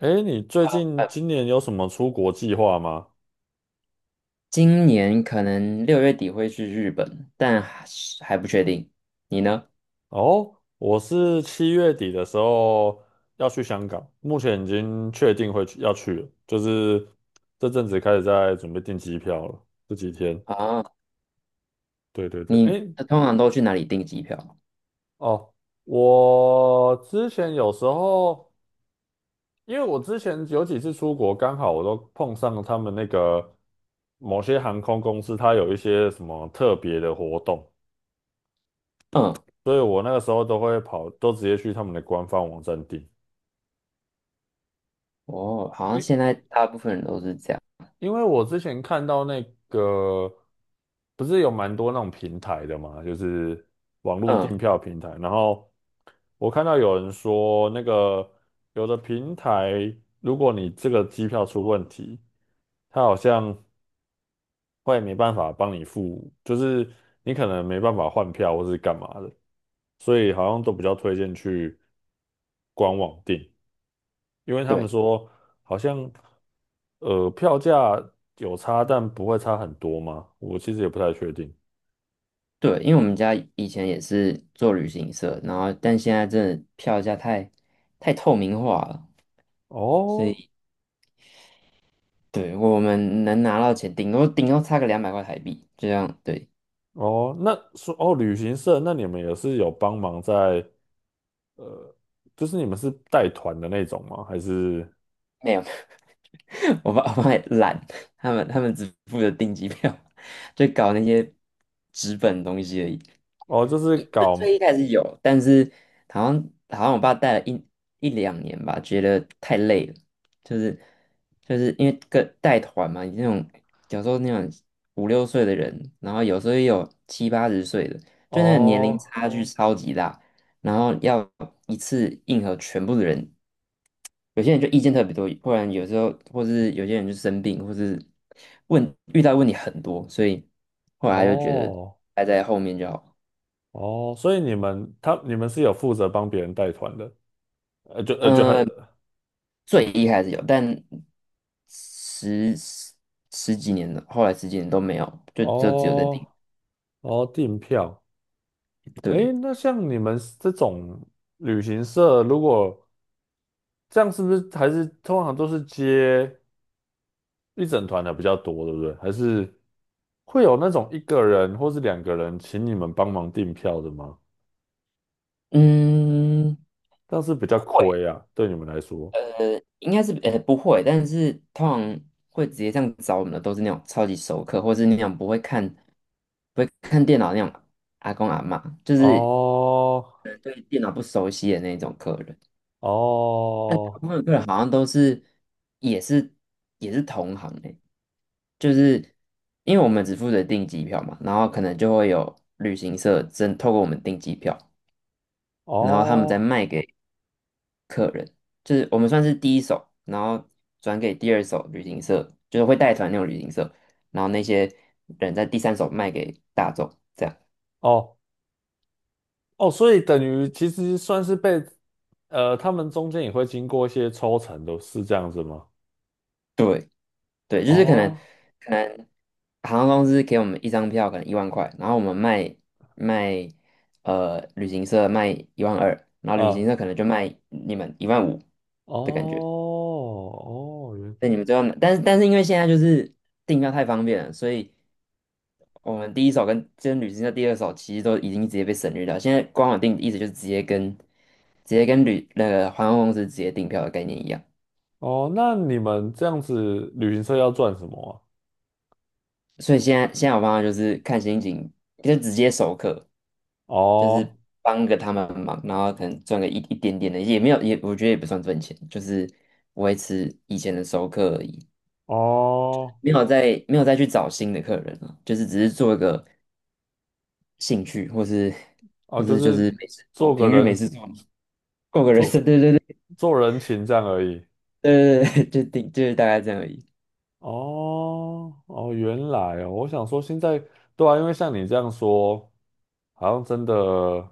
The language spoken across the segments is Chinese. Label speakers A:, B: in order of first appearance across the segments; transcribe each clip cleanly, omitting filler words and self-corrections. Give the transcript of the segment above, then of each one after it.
A: 哎，你最近
B: 呃，
A: 今年有什么出国计划吗？
B: 今年可能6月底会去日本，但还是还不确定。你呢？
A: 哦，我是7月底的时候要去香港，目前已经确定会去要去了，就是这阵子开始在准备订机票了，这几天。
B: 啊，
A: 对对对，
B: 你
A: 哎，
B: 通常都去哪里订机票？
A: 哦，我之前有时候，因为我之前有几次出国，刚好我都碰上他们那个某些航空公司，它有一些什么特别的活动。
B: 嗯，
A: 所以我那个时候都会跑，都直接去他们的官方网站订。
B: 哦，好像
A: 因
B: 现在大部分人都是这样。
A: 因为我之前看到那个，不是有蛮多那种平台的嘛，就是网络
B: 嗯，
A: 订票平台。然后我看到有人说，那个有的平台，如果你这个机票出问题，它好像会没办法帮你付，就是你可能没办法换票或是干嘛的，所以好像都比较推荐去官网订。因为他
B: 对
A: 们说好像票价有差，但不会差很多吗？我其实也不太确定。
B: 对，因为我们家以前也是做旅行社，然后但现在真的票价太透明化了，所
A: 哦
B: 以对我们能拿到钱，顶多顶多差个200块台币，这样对，
A: 哦，那说哦旅行社，那你们也是有帮忙在，就是你们是带团的那种吗？还是
B: 没有。 我爸也懒，他们只负责订机票，就搞那些纸本的东西而已。
A: 哦就是
B: 一最
A: 搞
B: 最一开始有，但是好像我爸带了一两年吧，觉得太累了，就是就是因为跟带团嘛，你那种有时候那种五六岁的人，然后有时候也有七八十岁的，就那个年龄
A: 哦
B: 差距哦超级大，然后要一次应和全部的人，有些人就意见特别多，不然有时候或是有些人就生病，或是问遇到问题很多，所以后来就觉得
A: 哦
B: 排在后面就好。
A: 哦，所以你们他你们是有负责帮别人带团的，呃就呃就还
B: 嗯，最一开始有，但十十十几年了，后来十几年都没有，就只有在顶。
A: 哦哦订票。
B: 对，
A: 诶，那像你们这种旅行社，如果这样是不是还是通常都是接一整团的比较多，对不对？还是会有那种一个人或是两个人请你们帮忙订票的吗？
B: 嗯，
A: 这样是比较
B: 会，
A: 亏啊，对你们来说。
B: 应该是不会，但是通常会直接这样找我们的都是那种超级熟客，或是那种不会看电脑那种阿公阿嬷，就是。
A: 哦
B: 对电脑不熟悉的那种客人，大
A: 哦
B: 部分的客人好像都是也是也是同行诶，就是因为我们只负责订机票嘛，然后可能就会有旅行社真透过我们订机票，然后他们再
A: 哦
B: 卖给，就是我们算是第一手，然后转给第二手旅行社，就是会带团那种旅行社，然后那些人在第三手卖给大众。这样。
A: 哦哦，所以等于其实算是被他们中间也会经过一些抽成的，是这样子吗？
B: 对对，就是可能
A: 哦，
B: 可能航空公司给我们一张票，可能10000块，然后我们卖卖呃旅行社卖12000，然后旅
A: 啊，
B: 行社可能就卖你们15000的感觉。
A: 哦哦，
B: 那你们最后拿，但是因为现在就是订票太方便了，所以我们第一手跟旅行社第二手其实都已经直接被省略掉。现在官网订意思就是直接跟那个航空公司直接订票的概念一样。
A: 哦，那你们这样子旅行社要赚什么啊？
B: 所以现在我方法就是看心情，就直接授课，就
A: 哦
B: 是帮个他们忙，然后可能赚个一点点的，也没有也我觉得也不算赚钱，就是维持以前的授课而已，
A: 哦
B: 没有再去找新的客人了，就是只是做一个兴趣，或是
A: 哦，
B: 或
A: 就
B: 是就
A: 是
B: 是没事做，
A: 做个
B: 平日没
A: 人
B: 事做，嘛，过个人生，
A: 做
B: 对对
A: 人情这样而已。
B: 对对对对，就是大概这样而已，
A: 哦哦，原来哦，我想说现在对啊，因为像你这样说，好像真的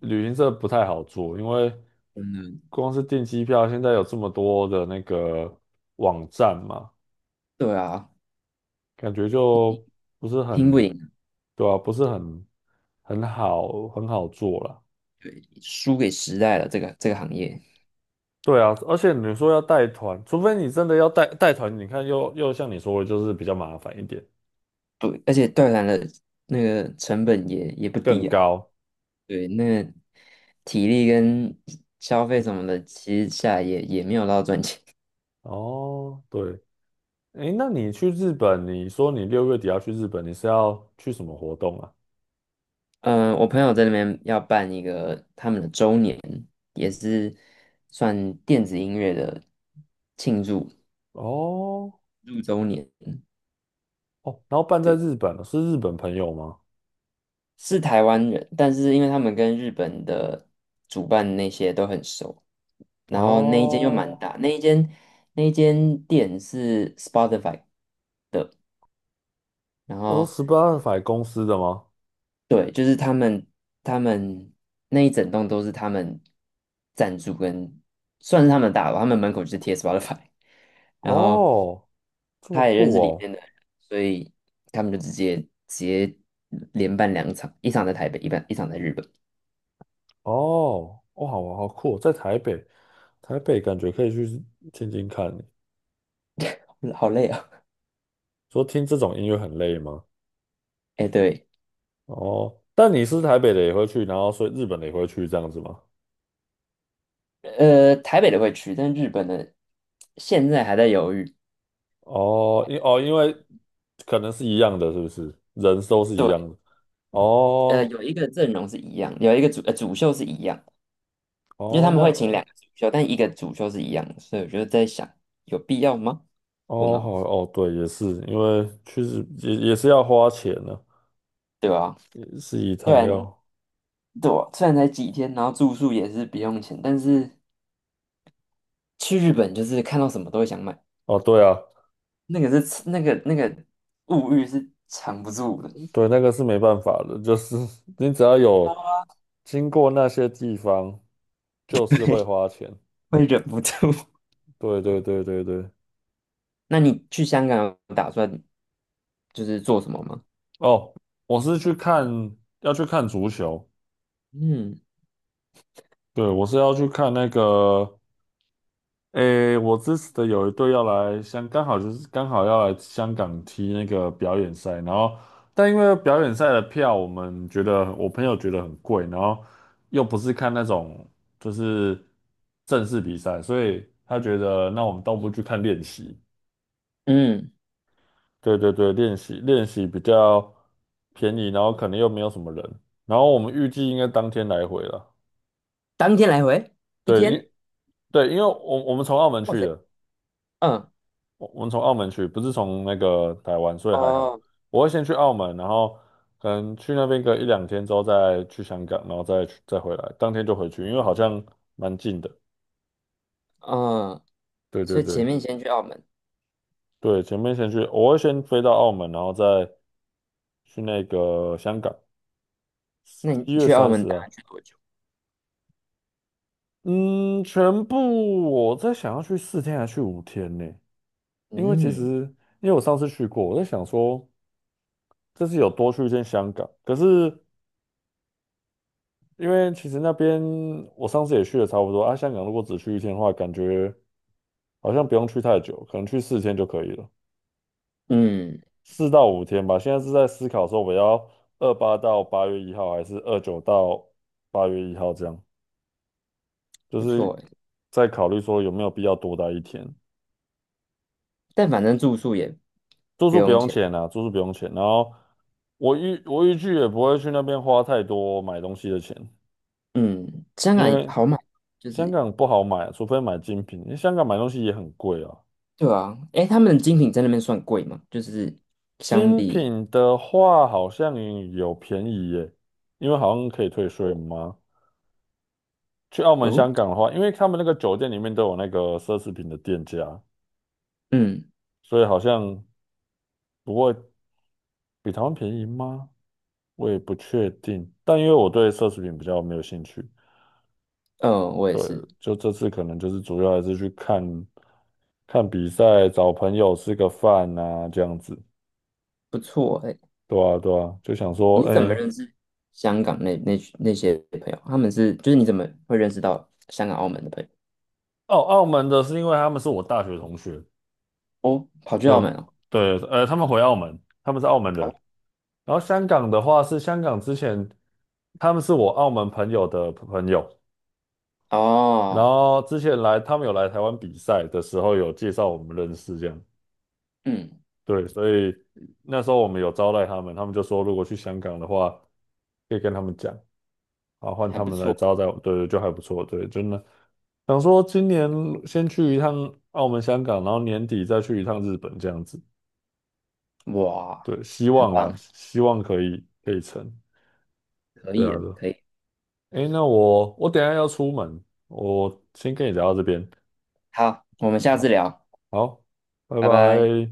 A: 旅行社不太好做，因为
B: 真的，
A: 光是订机票，现在有这么多的那个网站嘛，
B: 对啊，
A: 感觉就不是
B: 拼不
A: 很
B: 赢，
A: 对啊，不是很好很好做了。
B: 输给时代了这个行业。
A: 对啊，而且你说要带团，除非你真的要带团，你看又像你说的，就是比较麻烦一点，
B: 对，而且断缆的那个成本也不
A: 更
B: 低啊。
A: 高。
B: 对，那个体力跟消费什么的，其实下来也没有到赚钱。
A: 哦，对，诶，那你去日本，你说你6月底要去日本，你是要去什么活动啊？
B: 嗯，我朋友在那边要办一个他们的周年，也是算电子音乐的庆祝
A: 哦
B: 6周年。
A: 哦，然后办在
B: 对，
A: 日本，是日本朋友吗？
B: 是台湾人，但是因为他们跟日本的主办那些都很熟，然后那一间又
A: 哦，
B: 蛮大，那一间店是 Spotify。然
A: 哦，
B: 后
A: 十八法公司的吗？
B: 对，就是他们那一整栋都是他们赞助跟算是他们大楼，他们门口就是贴 Spotify，然后
A: 哦，这么
B: 他也认
A: 酷
B: 识里
A: 哦，
B: 面的人，所以他们就直接连办两场，一场在台北，一场在日本，
A: 哦，哦，好好酷哦在台北，台北感觉可以去听听看。
B: 好累啊
A: 说听这种音乐很累吗？
B: 哎，对，
A: 哦，但你是台北的也会去，然后所以日本的也会去这样子吗？
B: 台北的会去，但日本的现在还在犹豫。
A: 哦，哦，因为可能是一样的，是不是？人都是一
B: 对，
A: 样的。哦
B: 有一个阵容是一样，有一个主秀是一样，因为
A: 哦，
B: 他们
A: 那
B: 会请两个主修，但一个主修是一样的，所以我就在想，有必要吗？问
A: 哦好
B: 号，
A: 哦，对，也是，因为去实也是要花钱呢、
B: 对吧？
A: 也是一
B: 虽
A: 趟
B: 然
A: 要。
B: 对啊，虽然才几天，然后住宿也是不用钱，但是去日本就是看到什么都会想买，
A: 哦，对啊，
B: 那个是那个那个物欲是藏不住的，
A: 对，那个是没办法的，就是 你只要有经过那些地方，就是会 花钱。
B: 会忍不住。
A: 对对对对对。
B: 那你去香港有打算就是做什么吗？
A: 哦，我是去看，要去看足球。
B: 嗯
A: 对，我是要去看那个，诶，我支持的有一队要来香，刚好就是刚好要来香港踢那个表演赛，然后但因为表演赛的票，我们觉得我朋友觉得很贵，然后又不是看那种就是正式比赛，所以他觉得那我们倒不如去看练习。
B: 嗯，
A: 对对对，练习练习比较便宜，然后可能又没有什么人，然后我们预计应该当天来回了。
B: 当天来回一
A: 对，
B: 天，
A: 对，因为我们从澳门
B: 哇
A: 去
B: 塞，
A: 的。
B: 嗯
A: 我们从澳门去，不是从那个台湾，所以还好。
B: 哦
A: 我会先去澳门，然后可能去那边个一两天之后再去香港，然后再去再回来，当天就回去，因为好像蛮近的。
B: 嗯，
A: 对对
B: 所以前
A: 对
B: 面先去澳门。
A: 对，前面先去，我会先飞到澳门，然后再去那个香港，
B: 那你
A: 一月
B: 去澳
A: 三
B: 门
A: 十
B: 打
A: 啊。
B: 算去多久？
A: 嗯，全部我在想要去四天还是去五天呢？因为其
B: 嗯
A: 实因为我上次去过，我在想说这次有多去一天香港，可是。因为其实那边我上次也去了差不多啊，香港如果只去一天的话，感觉好像不用去太久，可能去四天就可以了，
B: 嗯，
A: 4到5天吧。现在是在思考说我要28到八月一号，还是29到八月一号这样，就
B: 不错
A: 是
B: 诶，
A: 在考虑说有没有必要多待一天。
B: 但反正住宿也
A: 住
B: 不
A: 宿不
B: 用
A: 用
B: 钱。
A: 钱啊，住宿不用钱。然后我预计也不会去那边花太多买东西的钱，
B: 嗯，香
A: 因
B: 港
A: 为
B: 好买，就
A: 香
B: 是
A: 港不好买啊，除非买精品，因为香港买东西也很贵啊。
B: 对啊。诶，他们的精品在那边算贵吗？就是相
A: 精
B: 比
A: 品的话好像有便宜耶，因为好像可以退税
B: 我
A: 吗？去澳门、
B: 哦，
A: 香港的话，因为他们那个酒店里面都有那个奢侈品的店家，
B: 嗯
A: 所以好像不会比台湾便宜吗？我也不确定。但因为我对奢侈品比较没有兴趣，
B: 呃，我也
A: 对，
B: 是
A: 就这次可能就是主要还是去看看比赛，找朋友吃个饭呐，这样子。
B: 不错诶。
A: 对啊，对啊，就想说，
B: 你是怎么
A: 哎、
B: 认识香港那些朋友？他们是就是你怎么会认识到香港、澳门的朋友？
A: 澳门的是因为他们是我大学同学。
B: 哦，跑去澳门
A: 就
B: 哦，
A: 对，他们回澳门，他们是澳门
B: 哦，
A: 人。然后香港的话是香港之前，他们是我澳门朋友的朋友，然
B: 哦，
A: 后之前来他们有来台湾比赛的时候有介绍我们认识这样。
B: 嗯，
A: 对，所以那时候我们有招待他们，他们就说如果去香港的话，可以跟他们讲，啊，换
B: 还
A: 他
B: 不
A: 们来
B: 错，
A: 招待我们对对，就还不错。对，真的想说今年先去一趟澳门、香港，然后年底再去一趟日本这样子。
B: 哇，
A: 对，希
B: 很
A: 望啦，
B: 棒。
A: 希望可以成。
B: 可
A: 对
B: 以
A: 啊，
B: 的
A: 对啊。
B: 可以。
A: 诶，那我等一下要出门，我先跟你聊到这边。
B: 好，我们下次
A: 好，
B: 聊，
A: 好，拜
B: 拜拜。
A: 拜。